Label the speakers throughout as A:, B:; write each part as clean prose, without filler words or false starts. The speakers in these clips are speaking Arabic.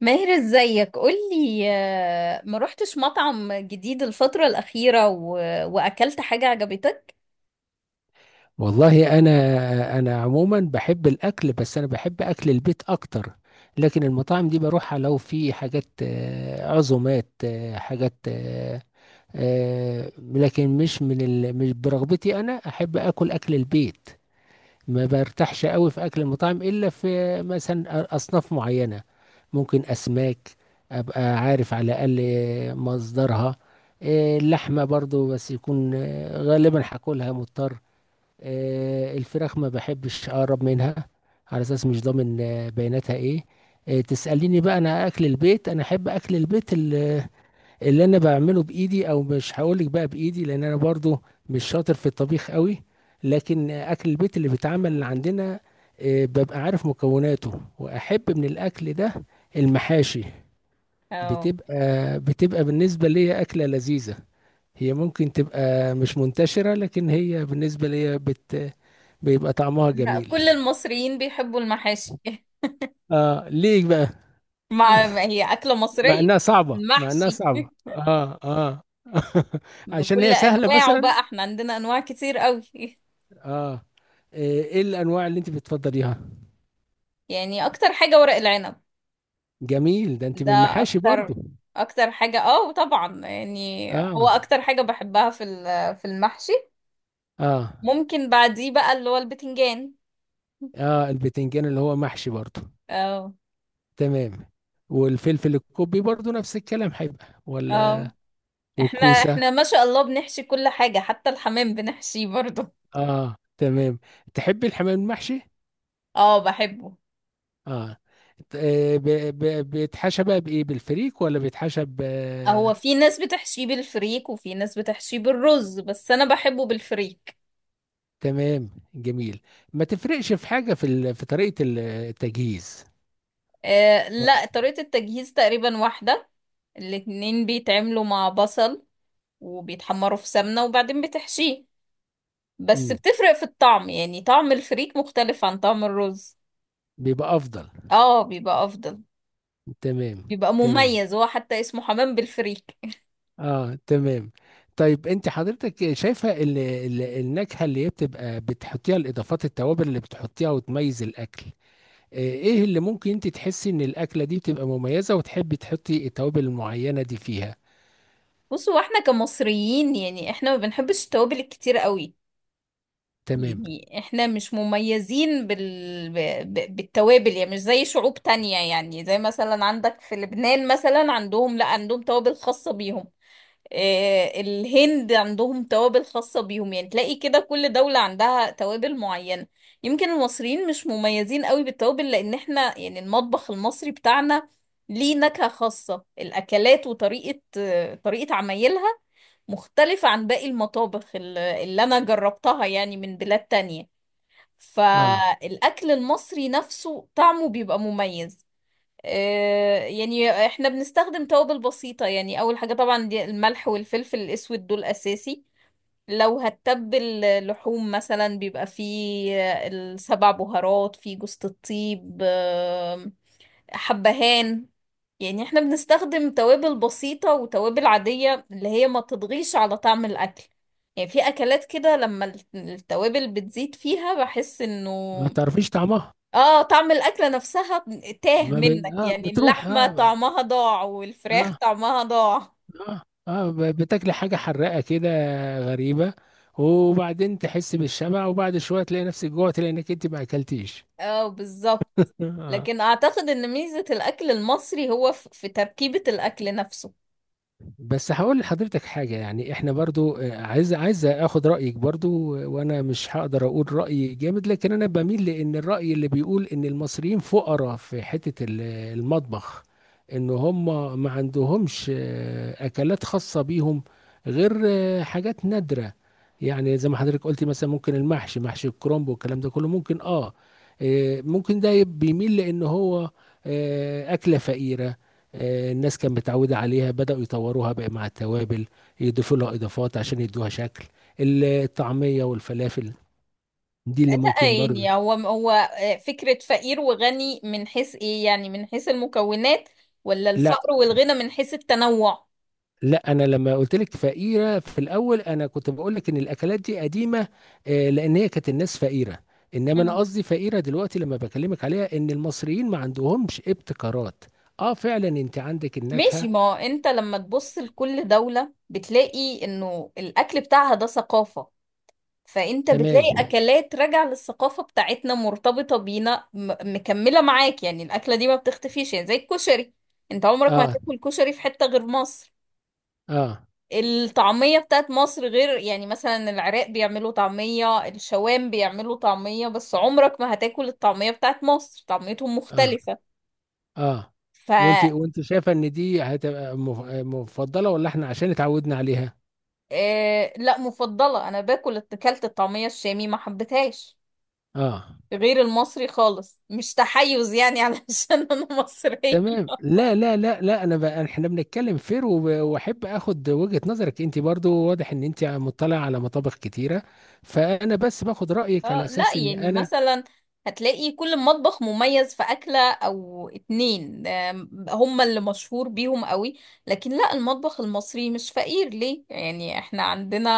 A: ماهر، ازيك؟ قولي، ما روحتش مطعم جديد الفترة الأخيرة وأكلت حاجة عجبتك؟
B: والله، انا عموما بحب الاكل، بس انا بحب اكل البيت اكتر. لكن المطاعم دي بروحها لو في حاجات، عزومات، حاجات، لكن مش من ال... مش برغبتي، انا احب اكل البيت. ما برتاحش قوي في اكل المطاعم الا في مثلا اصناف معينة. ممكن اسماك، ابقى عارف على الاقل مصدرها. اللحمة برضو، بس يكون غالبا هاكلها مضطر. الفراخ ما بحبش اقرب منها، على اساس مش ضامن بياناتها ايه. تسأليني بقى، انا احب اكل البيت اللي انا بعمله بايدي، او مش هقولك بقى بايدي لان انا برضو مش شاطر في الطبيخ قوي. لكن اكل البيت اللي بيتعمل عندنا، ببقى عارف مكوناته، واحب من الاكل ده المحاشي.
A: اه.
B: بتبقى بالنسبة لي أكلة لذيذة. هي ممكن تبقى مش منتشرة، لكن هي بالنسبة لي بيبقى طعمها
A: لا،
B: جميل.
A: كل المصريين بيحبوا المحاشي
B: اه، ليه بقى؟
A: مع ما هي أكلة
B: مع
A: مصرية.
B: انها صعبة مع انها
A: المحشي
B: صعبة اه اه. عشان
A: بكل
B: هي سهلة
A: أنواعه
B: مثلا.
A: بقى، احنا عندنا أنواع كتير قوي
B: اه. آه، ايه الانواع اللي انت بتفضليها؟
A: يعني أكتر حاجة ورق العنب،
B: جميل، ده انت
A: ده
B: من المحاشي برضو.
A: أكتر أكتر حاجة، اه طبعا، يعني هو
B: اه.
A: أكتر حاجة بحبها في المحشي.
B: اه.
A: ممكن بعديه بقى اللي هو البتنجان.
B: اه، البتنجان اللي هو محشي برضو.
A: اه،
B: تمام. والفلفل الكوبي برضو نفس الكلام، هيبقى ولا؟
A: اه. احنا
B: والكوسة؟
A: احنا ما شاء الله بنحشي كل حاجة، حتى الحمام بنحشيه برضه.
B: اه. تمام. تحبي الحمام المحشي؟
A: اه، بحبه.
B: اه. ت- آه، ب- بيتحشى بقى بايه، بالفريك ولا بيتحشى ب
A: هو
B: آه،
A: في ناس بتحشيه بالفريك وفي ناس بتحشيه بالرز، بس انا بحبه بالفريك.
B: تمام. جميل. ما تفرقش في حاجه، في طريقه التجهيز.
A: آه لا، طريقة التجهيز تقريبا واحدة. الاتنين بيتعملوا مع بصل وبيتحمروا في سمنة وبعدين بتحشيه، بس
B: امم.
A: بتفرق في الطعم، يعني طعم الفريك مختلف عن طعم الرز.
B: بيبقى افضل.
A: اه، بيبقى افضل،
B: تمام،
A: بيبقى
B: تمام.
A: مميز، هو حتى اسمه حمام بالفريك.
B: اه، تمام. طيب، انت حضرتك شايفه النكهه اللي هي بتبقى بتحطيها، الاضافات التوابل اللي بتحطيها وتميز الاكل، ايه اللي ممكن انت تحسي ان الاكله دي بتبقى مميزه، وتحبي تحطي التوابل المعينه دي فيها؟
A: بصوا، واحنا كمصريين يعني احنا ما بنحبش التوابل الكتير قوي.
B: تمام.
A: يعني احنا مش مميزين بالتوابل، يعني مش زي شعوب تانية، يعني زي مثلا عندك في لبنان، مثلا عندهم، لا عندهم توابل خاصة بيهم. الهند عندهم توابل خاصة بيهم، يعني تلاقي كده كل دولة عندها توابل معينة. يمكن المصريين مش مميزين قوي بالتوابل، لأن احنا يعني المطبخ المصري بتاعنا ليه نكهة خاصة، الأكلات وطريقة، طريقة عمايلها مختلفة عن باقي المطابخ اللي أنا جربتها، يعني من بلاد تانية.
B: اه.
A: فالأكل المصري نفسه طعمه بيبقى مميز. يعني احنا بنستخدم توابل بسيطة، يعني اول حاجة طبعا دي الملح والفلفل الاسود، دول اساسي. لو هتتبل لحوم مثلا بيبقى فيه السبع بهارات، فيه جوز الطيب، حبهان. يعني احنا بنستخدم توابل بسيطة وتوابل عادية اللي هي ما تضغيش على طعم الاكل. يعني في اكلات كده لما التوابل بتزيد فيها بحس انه،
B: ما تعرفيش طعمها.
A: اه، طعم الأكلة نفسها تاه
B: ما ب...
A: منك،
B: آه
A: يعني
B: بتروح.
A: اللحمة طعمها ضاع والفراخ
B: آه
A: طعمها ضاع.
B: آه, بتاكلي حاجة حراقة كده غريبة، وبعدين تحس بالشبع، وبعد شوية تلاقي نفسك جوع، تلاقي انك انت ما اكلتيش.
A: اه، بالظبط.
B: آه.
A: لكن اعتقد ان ميزة الاكل المصري هو في تركيبة الاكل نفسه.
B: بس هقول لحضرتك حاجة، يعني احنا برضو عايز اخد رأيك برضو. وانا مش هقدر اقول رأي جامد، لكن انا بميل لان الرأي اللي بيقول ان المصريين فقراء في حتة المطبخ، ان هم ما عندهمش اكلات خاصة بيهم، غير حاجات نادرة. يعني زي ما حضرتك قلتي، مثلا ممكن محشي الكرنب والكلام ده كله، ممكن اه. ممكن ده بيميل لان هو أكلة فقيرة، الناس كانت متعودة عليها، بدأوا يطوروها بقى مع التوابل، يضيفوا لها إضافات عشان يدوها شكل. الطعمية والفلافل دي اللي
A: لا
B: ممكن برضه.
A: يعني هو فكرة فقير وغني من حيث ايه، يعني من حيث المكونات، ولا
B: لا،
A: الفقر والغنى من حيث التنوع؟
B: لا، انا لما قلت لك فقيره في الاول، انا كنت بقول لك ان الاكلات دي قديمه، لان هي كانت الناس فقيره. انما انا
A: مم.
B: قصدي فقيره دلوقتي، لما بكلمك عليها، ان المصريين ما عندهمش ابتكارات. اه، فعلا انت عندك
A: ماشي،
B: النكهه.
A: ما هو انت لما تبص لكل دولة بتلاقي انه الاكل بتاعها ده ثقافة. فانت بتلاقي
B: تمام.
A: اكلات راجعه للثقافه بتاعتنا، مرتبطه بينا، مكمله معاك، يعني الاكله دي ما بتختفيش، يعني زي الكشري. انت عمرك ما
B: اه،
A: هتاكل كشري في حته غير مصر.
B: اه،
A: الطعميه بتاعت مصر غير، يعني مثلا العراق بيعملوا طعميه، الشوام بيعملوا طعميه، بس عمرك ما هتاكل الطعميه بتاعت مصر، طعميتهم
B: اه،
A: مختلفه.
B: اه.
A: ف
B: وانت شايفه ان دي هتبقى مفضله، ولا احنا عشان اتعودنا عليها؟
A: آه، لا، مفضله. انا اكلت الطعميه الشامي، ما حبيتهاش
B: اه،
A: غير المصري خالص، مش تحيز يعني علشان انا مصرية.
B: تمام. لا، لا، لا، لا، انا بقى احنا بنتكلم فير، واحب اخد وجهه نظرك. انت برضو واضح ان انت مطلع على مطابخ كتيره، فانا بس باخد رايك على
A: اه لا،
B: اساس ان
A: يعني
B: انا.
A: مثلا هتلاقي كل مطبخ مميز في أكلة أو اتنين، هم اللي مشهور بيهم قوي. لكن لا، المطبخ المصري مش فقير، ليه؟ يعني احنا عندنا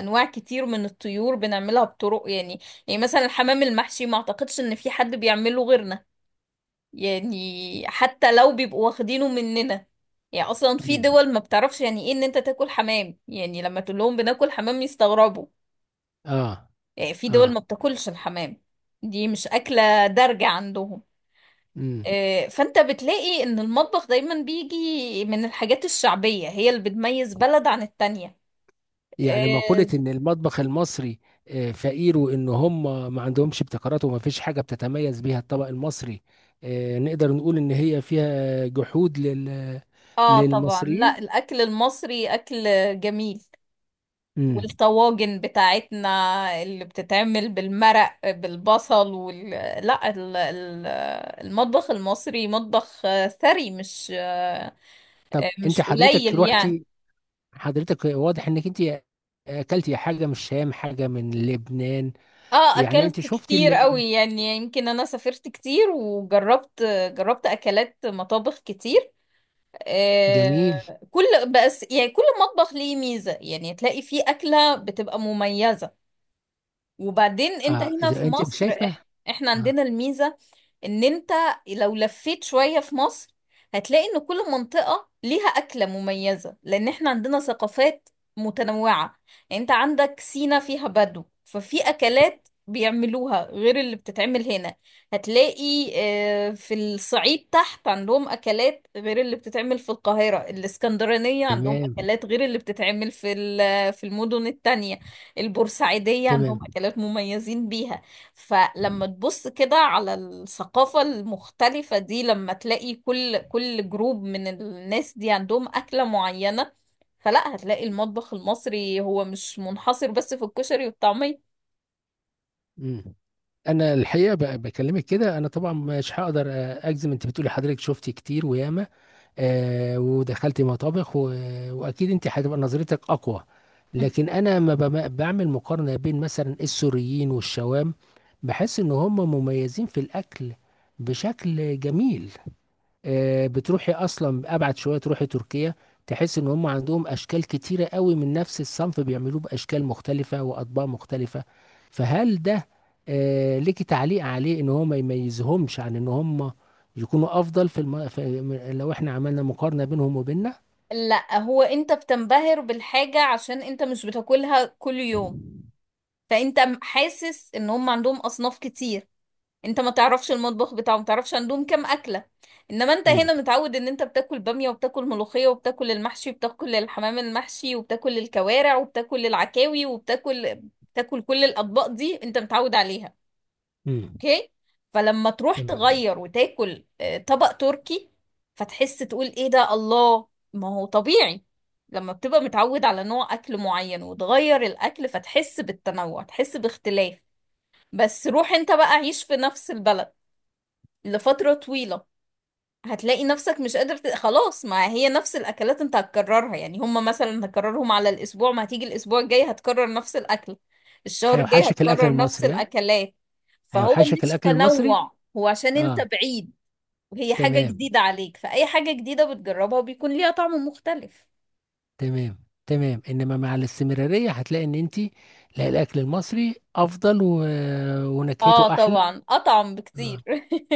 A: أنواع كتير من الطيور بنعملها بطرق، يعني يعني مثلا الحمام المحشي ما أعتقدش إن في حد بيعمله غيرنا، يعني حتى لو بيبقوا واخدينه مننا. يعني أصلا في
B: مم.
A: دول ما بتعرفش يعني إيه إن أنت تاكل حمام، يعني لما تقول لهم بناكل حمام يستغربوا.
B: اه.
A: في دول
B: اه.
A: ما بتاكلش الحمام، دي مش أكلة دارجة عندهم.
B: مم.
A: فأنت بتلاقي إن المطبخ دايما بيجي من الحاجات الشعبية، هي اللي بتميز بلد عن التانية.
B: يعني مقولة
A: اه،
B: إن المطبخ المصري، فقير، وإن هم ما عندهمش ابتكارات، وما فيش حاجة بتتميز بيها الطبق المصري، نقدر نقول إن هي فيها جحود
A: طبعا،
B: للمصريين.
A: لا، الأكل المصري أكل جميل.
B: مم.
A: والطواجن بتاعتنا اللي بتتعمل بالمرق بالبصل لا، المطبخ المصري مطبخ ثري، مش آه،
B: طب، أنت
A: مش قليل
B: حضرتك
A: يعني.
B: روحتي حضرتك واضح إنك أنت أكلتي حاجة من الشام، حاجة من لبنان.
A: اه،
B: يعني أنت
A: اكلت
B: شفتي
A: كتير قوي، يعني يمكن انا سافرت كتير وجربت، جربت اكلات مطابخ كتير.
B: جميل.
A: آه كل بس يعني كل مطبخ ليه ميزة، يعني تلاقي فيه اكلة بتبقى مميزة. وبعدين انت
B: أه،
A: هنا في
B: إذا أنت
A: مصر،
B: شايفة.
A: احنا
B: أه.
A: عندنا الميزة ان انت لو لفيت شوية في مصر هتلاقي ان كل منطقة ليها أكلة مميزة، لان احنا عندنا ثقافات متنوعة. يعني انت عندك سينا فيها بدو، ففي أكلات بيعملوها غير اللي بتتعمل هنا. هتلاقي في الصعيد تحت عندهم أكلات غير اللي بتتعمل في القاهرة، الإسكندرانية عندهم
B: تمام،
A: أكلات غير اللي بتتعمل في المدن التانية. البورسعيدية عندهم
B: تمام.
A: أكلات مميزين بيها. فلما تبص كده على الثقافة المختلفة دي، لما تلاقي كل جروب من الناس دي عندهم أكلة معينة، فلا هتلاقي المطبخ المصري هو مش منحصر بس في الكشري والطعمية.
B: مم. انا الحقيقه بكلمك كده، انا طبعا مش هقدر اجزم. انت بتقولي حضرتك شفتي كتير وياما، ودخلتي مطابخ واكيد انت هتبقى نظرتك اقوى. لكن انا ما بعمل مقارنه بين مثلا السوريين والشوام، بحس ان هم مميزين في الاكل بشكل جميل. بتروحي اصلا، ابعد شويه تروحي تركيا، تحس ان هم عندهم اشكال كتيره قوي من نفس الصنف، بيعملوه باشكال مختلفه واطباق مختلفه. فهل ده ليكي تعليق عليه، ان هو ما يميزهمش عن ان هم يكونوا افضل في، لو احنا عملنا مقارنه بينهم وبيننا؟
A: لا، هو انت بتنبهر بالحاجة عشان انت مش بتاكلها كل يوم، فانت حاسس ان هم عندهم أصناف كتير. انت ما تعرفش المطبخ بتاعه، ما تعرفش عندهم كام اكله. انما انت
B: امم،
A: هنا متعود ان انت بتاكل باميه وبتاكل ملوخيه وبتاكل المحشي وبتاكل الحمام المحشي وبتاكل الكوارع وبتاكل العكاوي بتاكل كل الاطباق دي انت متعود عليها.
B: امم.
A: اوكي، فلما تروح
B: تمام.
A: تغير وتاكل، طبق تركي، فتحس تقول ايه ده، الله، ما هو طبيعي. لما بتبقى متعود على نوع اكل معين وتغير الاكل فتحس بالتنوع، تحس باختلاف. بس روح انت بقى عيش في نفس البلد لفترة طويلة، هتلاقي نفسك مش قادر خلاص، ما هي نفس الأكلات انت هتكررها، يعني هما مثلا هكررهم على الأسبوع، ما هتيجي الأسبوع الجاي هتكرر نفس الأكل، الشهر الجاي
B: هيوحشك الاكل
A: هتكرر نفس
B: المصري، ها؟
A: الأكلات. فهو
B: هيوحشك
A: مش
B: الاكل المصري.
A: تنوع، هو عشان انت
B: اه.
A: بعيد وهي حاجة
B: تمام،
A: جديدة عليك، فأي حاجة جديدة بتجربها بيكون ليها طعم مختلف.
B: تمام، تمام. انما مع الاستمرارية هتلاقي ان انت، لا، الاكل المصري افضل، و... ونكهته
A: اه
B: احلى.
A: طبعا، أطعم بكتير
B: آه.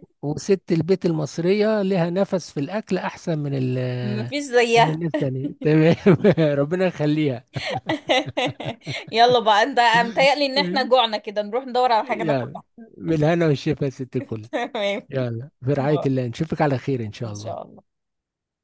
B: وست البيت المصرية لها نفس في الاكل احسن من ال...
A: مفيش
B: من
A: زيها
B: الناس الثانية. تمام. ربنا يخليها.
A: يلا بقى انت، متهيألي ان احنا جوعنا كده، نروح ندور على حاجة ناكلها
B: يلا. بالهنا والشفا يا ست الكل.
A: تمام.
B: يلا، في رعاية الله، نشوفك على خير ان شاء
A: إن
B: الله.
A: شاء الله.